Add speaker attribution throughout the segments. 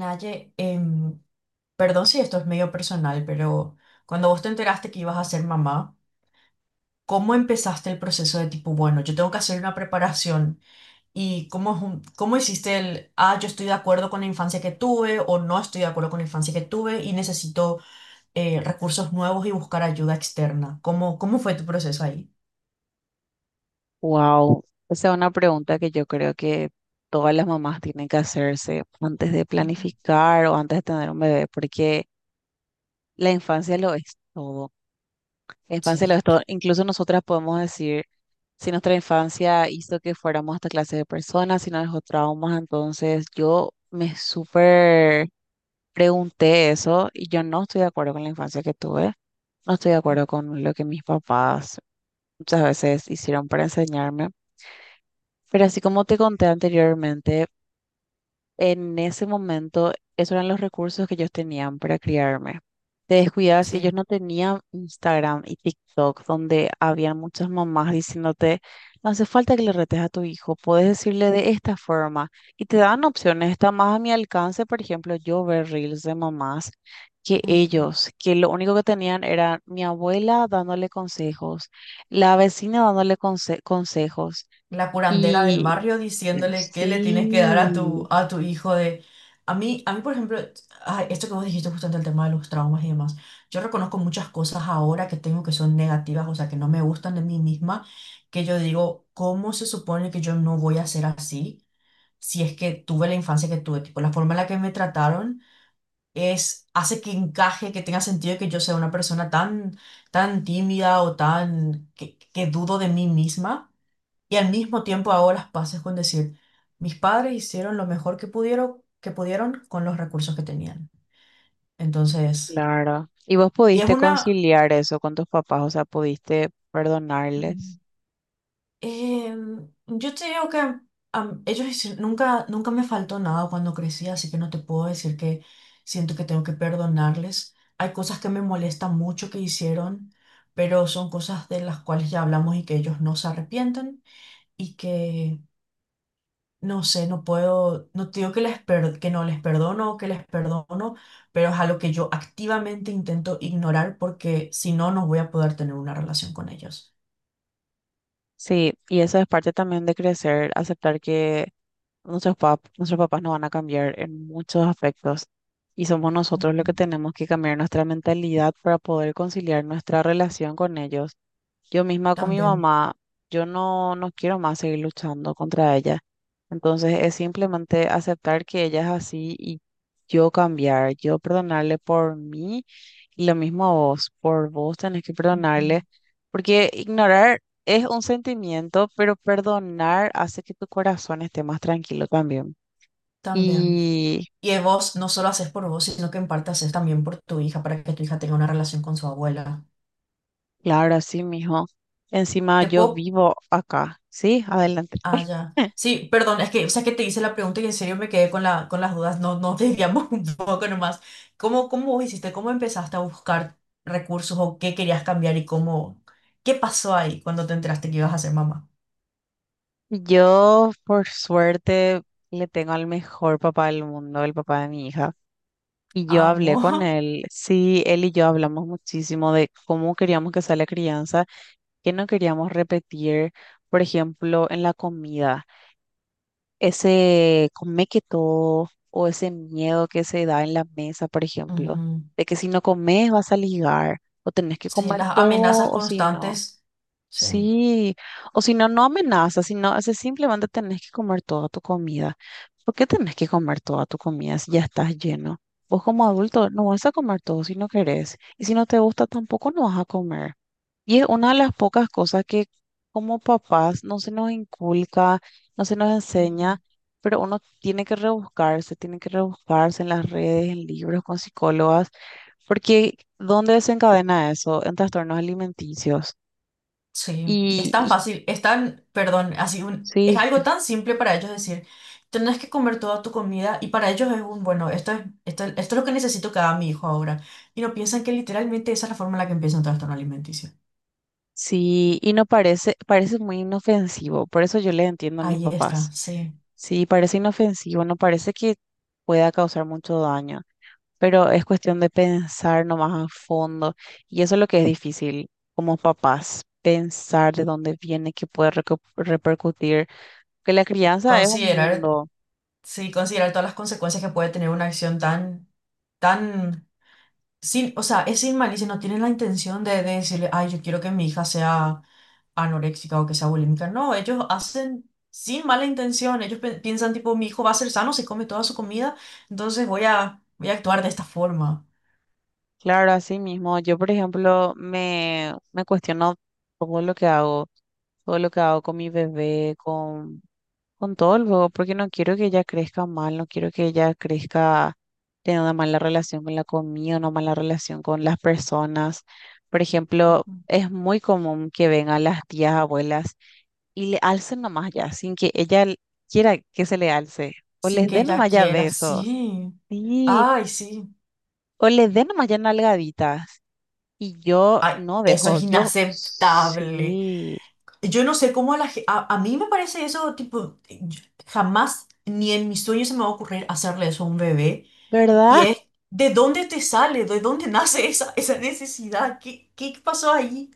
Speaker 1: Naye, perdón si esto es medio personal, pero cuando vos te enteraste que ibas a ser mamá, ¿cómo empezaste el proceso de tipo, bueno, yo tengo que hacer una preparación? ¿Y cómo hiciste el, yo estoy de acuerdo con la infancia que tuve o no estoy de acuerdo con la infancia que tuve y necesito recursos nuevos y buscar ayuda externa? ¿Cómo fue tu proceso ahí?
Speaker 2: Wow, esa es una pregunta que yo creo que todas las mamás tienen que hacerse antes de
Speaker 1: Ujú.
Speaker 2: planificar o antes de tener un bebé, porque la infancia lo es todo. La infancia lo es
Speaker 1: Sí,
Speaker 2: todo. Incluso nosotras podemos decir si nuestra infancia hizo que fuéramos esta clase de personas, si nos dejó traumas, entonces yo me súper pregunté eso y yo no estoy de acuerdo con la infancia que tuve, no estoy de acuerdo con lo que mis papás muchas veces hicieron para enseñarme. Pero así como te conté anteriormente, en ese momento esos eran los recursos que ellos tenían para criarme. Te descuidas y
Speaker 1: sí.
Speaker 2: ellos no tenían Instagram y TikTok, donde había muchas mamás diciéndote, no hace falta que le retes a tu hijo, puedes decirle de esta forma. Y te dan opciones, está más a mi alcance, por ejemplo, yo ver reels de mamás que ellos, que lo único que tenían era mi abuela dándole consejos, la vecina dándole consejos.
Speaker 1: La curandera del
Speaker 2: Y
Speaker 1: barrio diciéndole qué le tienes que dar a tu,
Speaker 2: Sí,
Speaker 1: a tu hijo de. A mí, por ejemplo, ay, esto que vos dijiste justo ante el tema de los traumas y demás, yo reconozco muchas cosas ahora que tengo que son negativas, o sea, que no me gustan de mí misma, que yo digo, ¿cómo se supone que yo no voy a ser así si es que tuve la infancia que tuve? Tipo, la forma en la que me trataron es, hace que encaje, que tenga sentido que yo sea una persona tan, tan tímida o tan, que dudo de mí misma y al mismo tiempo hago las paces con decir, mis padres hicieron lo mejor que pudieron con los recursos que tenían. Entonces,
Speaker 2: claro. ¿Y vos
Speaker 1: y es
Speaker 2: pudiste
Speaker 1: una.
Speaker 2: conciliar eso con tus papás? O sea, ¿pudiste perdonarles?
Speaker 1: mm, yo te digo que nunca, nunca me faltó nada cuando crecí, así que no te puedo decir que siento que tengo que perdonarles. Hay cosas que me molestan mucho que hicieron, pero son cosas de las cuales ya hablamos y que ellos no se arrepienten y que no sé, no puedo, no te digo que no les perdono o que les perdono, pero es algo que yo activamente intento ignorar porque si no, no voy a poder tener una relación con ellos.
Speaker 2: Sí, y eso es parte también de crecer, aceptar que nuestros papás no van a cambiar en muchos aspectos y somos nosotros los que
Speaker 1: Ujú.
Speaker 2: tenemos que cambiar nuestra mentalidad para poder conciliar nuestra relación con ellos. Yo misma con mi
Speaker 1: También,
Speaker 2: mamá, yo no quiero más seguir luchando contra ella. Entonces es simplemente aceptar que ella es así y yo cambiar, yo perdonarle por mí y lo mismo a vos, por vos tenés que
Speaker 1: ujú,
Speaker 2: perdonarle, porque ignorar es un sentimiento, pero perdonar hace que tu corazón esté más tranquilo también.
Speaker 1: también.
Speaker 2: Y
Speaker 1: Y vos no solo haces por vos, sino que en parte haces también por tu hija, para que tu hija tenga una relación con su abuela.
Speaker 2: claro, así mijo. Encima
Speaker 1: Te
Speaker 2: yo
Speaker 1: puedo.
Speaker 2: vivo acá. Sí, adelante.
Speaker 1: Ah, ya. Sí, perdón, es que, o sea, que te hice la pregunta y en serio me quedé con las dudas, no, nos desviamos un poco nomás. ¿Cómo vos hiciste? ¿Cómo empezaste a buscar recursos o qué querías cambiar y cómo, qué pasó ahí cuando te enteraste que ibas a ser mamá?
Speaker 2: Yo, por suerte, le tengo al mejor papá del mundo, el papá de mi hija. Y yo hablé
Speaker 1: Amo.
Speaker 2: con él. Sí, él y yo hablamos muchísimo de cómo queríamos que sea la crianza, que no queríamos repetir, por ejemplo, en la comida. Ese come que todo o ese miedo que se da en la mesa, por ejemplo,
Speaker 1: Ujú.
Speaker 2: de que si no comes vas a ligar o tenés que
Speaker 1: Sí,
Speaker 2: comer
Speaker 1: las
Speaker 2: todo
Speaker 1: amenazas
Speaker 2: o si no.
Speaker 1: constantes. Sí.
Speaker 2: Sí, o si no, no amenazas, sino ese simplemente tenés que comer toda tu comida. ¿Por qué tenés que comer toda tu comida si ya estás lleno? Vos como adulto no vas a comer todo si no querés. Y si no te gusta tampoco no vas a comer. Y es una de las pocas cosas que como papás no se nos inculca, no se nos enseña, pero uno tiene que rebuscarse en las redes, en libros, con psicólogas, porque ¿dónde desencadena eso? En trastornos alimenticios.
Speaker 1: Sí, es
Speaker 2: Y,
Speaker 1: tan
Speaker 2: y
Speaker 1: fácil, es tan, perdón, es
Speaker 2: sí,
Speaker 1: algo tan simple para ellos decir, tenés que comer toda tu comida y para ellos es un, bueno, esto es lo que necesito que haga mi hijo ahora. Y no piensan que literalmente esa es la forma en la que empieza un trastorno alimenticio.
Speaker 2: sí, y no parece, parece muy inofensivo, por eso yo le entiendo a mis
Speaker 1: Ahí está,
Speaker 2: papás.
Speaker 1: sí.
Speaker 2: Sí, parece inofensivo, no parece que pueda causar mucho daño, pero es cuestión de pensar nomás a fondo. Y eso es lo que es difícil como papás, pensar de dónde viene, qué puede repercutir. Que la crianza es un
Speaker 1: Considerar,
Speaker 2: mundo.
Speaker 1: sí, considerar todas las consecuencias que puede tener una acción tan, tan, sin, o sea, es sin malicia, no tienen la intención de decirle, ay, yo quiero que mi hija sea anoréxica o que sea bulímica. No, ellos hacen sin mala intención. Ellos piensan tipo, mi hijo va a ser sano, se come toda su comida, entonces voy a, voy a actuar de esta forma.
Speaker 2: Claro, así mismo. Yo, por ejemplo, me cuestiono todo lo que hago, todo lo que hago con mi bebé, con todo el juego, porque no quiero que ella crezca mal, no quiero que ella crezca teniendo una mala relación con la comida, una mala relación con las personas. Por ejemplo, es muy común que vengan las tías, abuelas y le alcen nomás ya, sin que quiera que se le alce, o
Speaker 1: Sin
Speaker 2: les
Speaker 1: que
Speaker 2: dé
Speaker 1: ella
Speaker 2: nomás ya
Speaker 1: quiera,
Speaker 2: besos,
Speaker 1: sí.
Speaker 2: sí,
Speaker 1: Ay, sí.
Speaker 2: o les dé nomás ya nalgaditas. Y yo
Speaker 1: Ay,
Speaker 2: no
Speaker 1: eso
Speaker 2: dejo,
Speaker 1: es
Speaker 2: yo
Speaker 1: inaceptable.
Speaker 2: sí,
Speaker 1: Yo no sé cómo a la ge- a mí me parece eso, tipo, jamás ni en mis sueños se me va a ocurrir hacerle eso a un bebé. Y
Speaker 2: ¿verdad?
Speaker 1: es, ¿de dónde te sale? ¿De dónde nace esa necesidad? ¿Qué pasó ahí?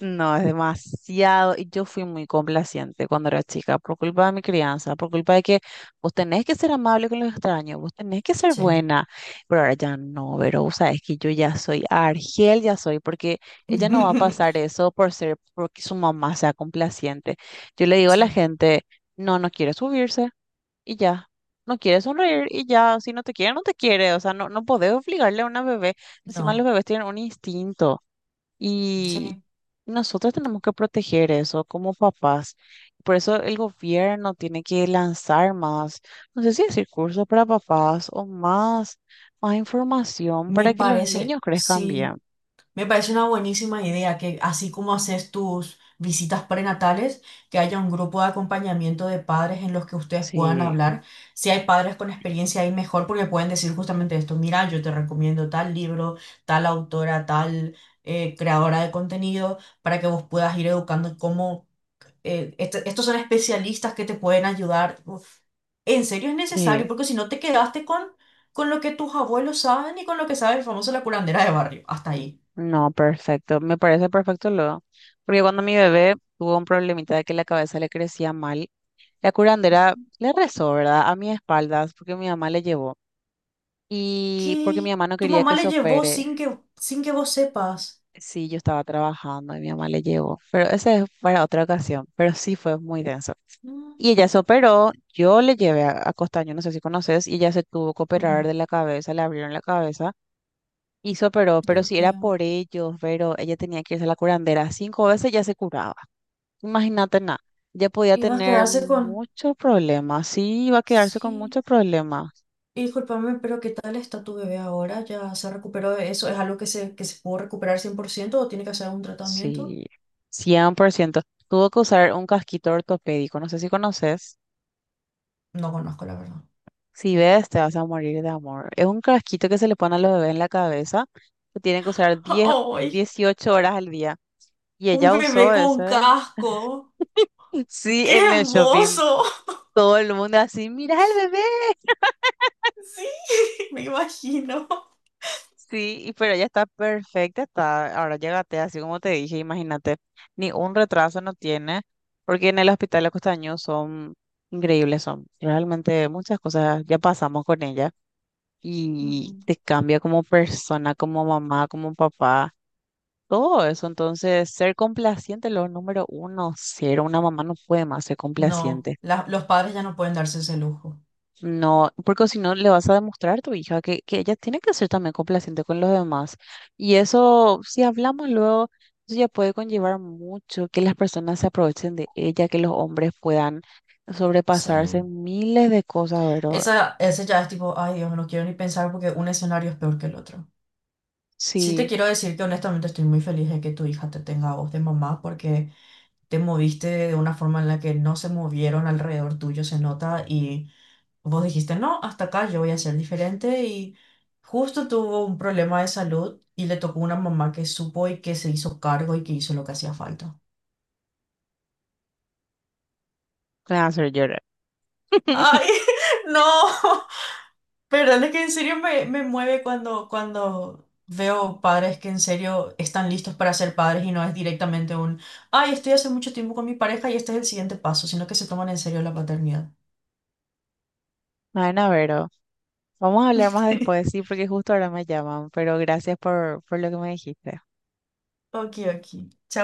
Speaker 2: No, es demasiado. Y yo fui muy complaciente cuando era chica, por culpa de mi crianza, por culpa de que vos tenés que ser amable con los extraños, vos tenés que ser
Speaker 1: Sí.
Speaker 2: buena. Pero ahora ya no, pero vos sabés que yo ya soy Argel, ya soy, porque ella no va a pasar eso por ser, porque su mamá sea complaciente. Yo le digo a la
Speaker 1: Sí,
Speaker 2: gente, no, no quiere subirse y ya. No quiere sonreír y ya, si no te quiere, no te quiere. O sea, no, no podés obligarle a una bebé. Encima los
Speaker 1: no,
Speaker 2: bebés tienen un instinto y
Speaker 1: sí,
Speaker 2: nosotros tenemos que proteger eso como papás. Por eso el gobierno tiene que lanzar más, no sé si decir cursos para papás o más, más información para que los niños crezcan bien.
Speaker 1: sí, me parece una buenísima idea que así como haces tus visitas prenatales, que haya un grupo de acompañamiento de padres en los que ustedes puedan
Speaker 2: Sí,
Speaker 1: hablar. Si hay padres con experiencia ahí mejor porque pueden decir justamente esto, mira, yo te recomiendo tal libro, tal autora, tal creadora de contenido, para que vos puedas ir educando cómo estos son especialistas que te pueden ayudar. Uf, en serio es necesario,
Speaker 2: sí.
Speaker 1: porque si no te quedaste con lo que tus abuelos saben y con lo que sabe el famoso la curandera de barrio. Hasta ahí.
Speaker 2: No, perfecto. Me parece perfecto luego. Porque cuando mi bebé tuvo un problemita de que la cabeza le crecía mal, la curandera le rezó, ¿verdad? A mis espaldas, porque mi mamá le llevó. Y porque mi
Speaker 1: ¿Qué?
Speaker 2: mamá no
Speaker 1: Tu
Speaker 2: quería
Speaker 1: mamá
Speaker 2: que se
Speaker 1: le llevó
Speaker 2: opere.
Speaker 1: sin que vos sepas.
Speaker 2: Sí, yo estaba trabajando y mi mamá le llevó. Pero esa es para otra ocasión. Pero sí fue muy denso.
Speaker 1: No.
Speaker 2: Y ella se operó, yo le llevé a Costaño, no sé si conoces, y ella se tuvo que operar
Speaker 1: Ujú.
Speaker 2: de la cabeza, le abrieron la cabeza y se operó, pero
Speaker 1: Dios
Speaker 2: si era
Speaker 1: mío.
Speaker 2: por ellos, pero ella tenía que irse a la curandera 5 veces ya se curaba. Imagínate nada, ya podía
Speaker 1: Ibas a
Speaker 2: tener
Speaker 1: quedarse con.
Speaker 2: muchos problemas, sí, iba a quedarse con
Speaker 1: Sí.
Speaker 2: muchos problemas.
Speaker 1: Y discúlpame, pero ¿qué tal está tu bebé ahora? ¿Ya se recuperó de eso? ¿Es algo que se pudo recuperar 100% o tiene que hacer un tratamiento?
Speaker 2: Sí, 100%. Tuvo que usar un casquito ortopédico, no sé si conoces.
Speaker 1: No conozco, la verdad.
Speaker 2: Si ves, te vas a morir de amor. Es un casquito que se le pone a los bebés en la cabeza, que tienen que usar diez,
Speaker 1: ¡Ay!
Speaker 2: dieciocho horas al día. Y
Speaker 1: Un
Speaker 2: ella
Speaker 1: bebé
Speaker 2: usó
Speaker 1: con
Speaker 2: ese.
Speaker 1: casco.
Speaker 2: Sí,
Speaker 1: ¡Qué
Speaker 2: en el shopping.
Speaker 1: hermoso!
Speaker 2: Todo el mundo así, mira el bebé.
Speaker 1: Sí, me imagino.
Speaker 2: Sí, y- pero ella está perfecta, está, ahora llégate, así como te dije, imagínate, ni un retraso no tiene, porque en el hospital de Costaño son increíbles, son realmente muchas cosas, ya pasamos con ella y
Speaker 1: Ujú.
Speaker 2: te cambia como persona, como mamá, como papá, todo eso, entonces ser complaciente, lo número uno, ser una mamá no puede más ser
Speaker 1: No,
Speaker 2: complaciente.
Speaker 1: los padres ya no pueden darse ese lujo.
Speaker 2: No, porque si no le vas a demostrar a tu hija que ella tiene que ser también complaciente con los demás. Y eso, si hablamos luego, eso ya puede conllevar mucho que las personas se aprovechen de ella, que los hombres puedan
Speaker 1: Sí.
Speaker 2: sobrepasarse en miles de cosas, ¿verdad?
Speaker 1: Esa, ese ya es tipo, ay Dios, no quiero ni pensar porque un escenario es peor que el otro. Sí te
Speaker 2: Sí,
Speaker 1: quiero decir que honestamente estoy muy feliz de que tu hija te tenga a vos de mamá porque te moviste de una forma en la que no se movieron alrededor tuyo, se nota, y vos dijiste, no, hasta acá yo voy a ser diferente y justo tuvo un problema de salud y le tocó una mamá que supo y que se hizo cargo y que hizo lo que hacía falta.
Speaker 2: me va a hacer llorar.
Speaker 1: ¡Ay, no! Pero es que en serio me mueve cuando veo padres que en serio están listos para ser padres y no es directamente un, ay, estoy hace mucho tiempo con mi pareja y este es el siguiente paso, sino que se toman en serio la paternidad.
Speaker 2: Bueno, Vero, vamos a hablar más después, sí, porque justo ahora me llaman, pero gracias por lo que me dijiste.
Speaker 1: Ok, ok. Chao.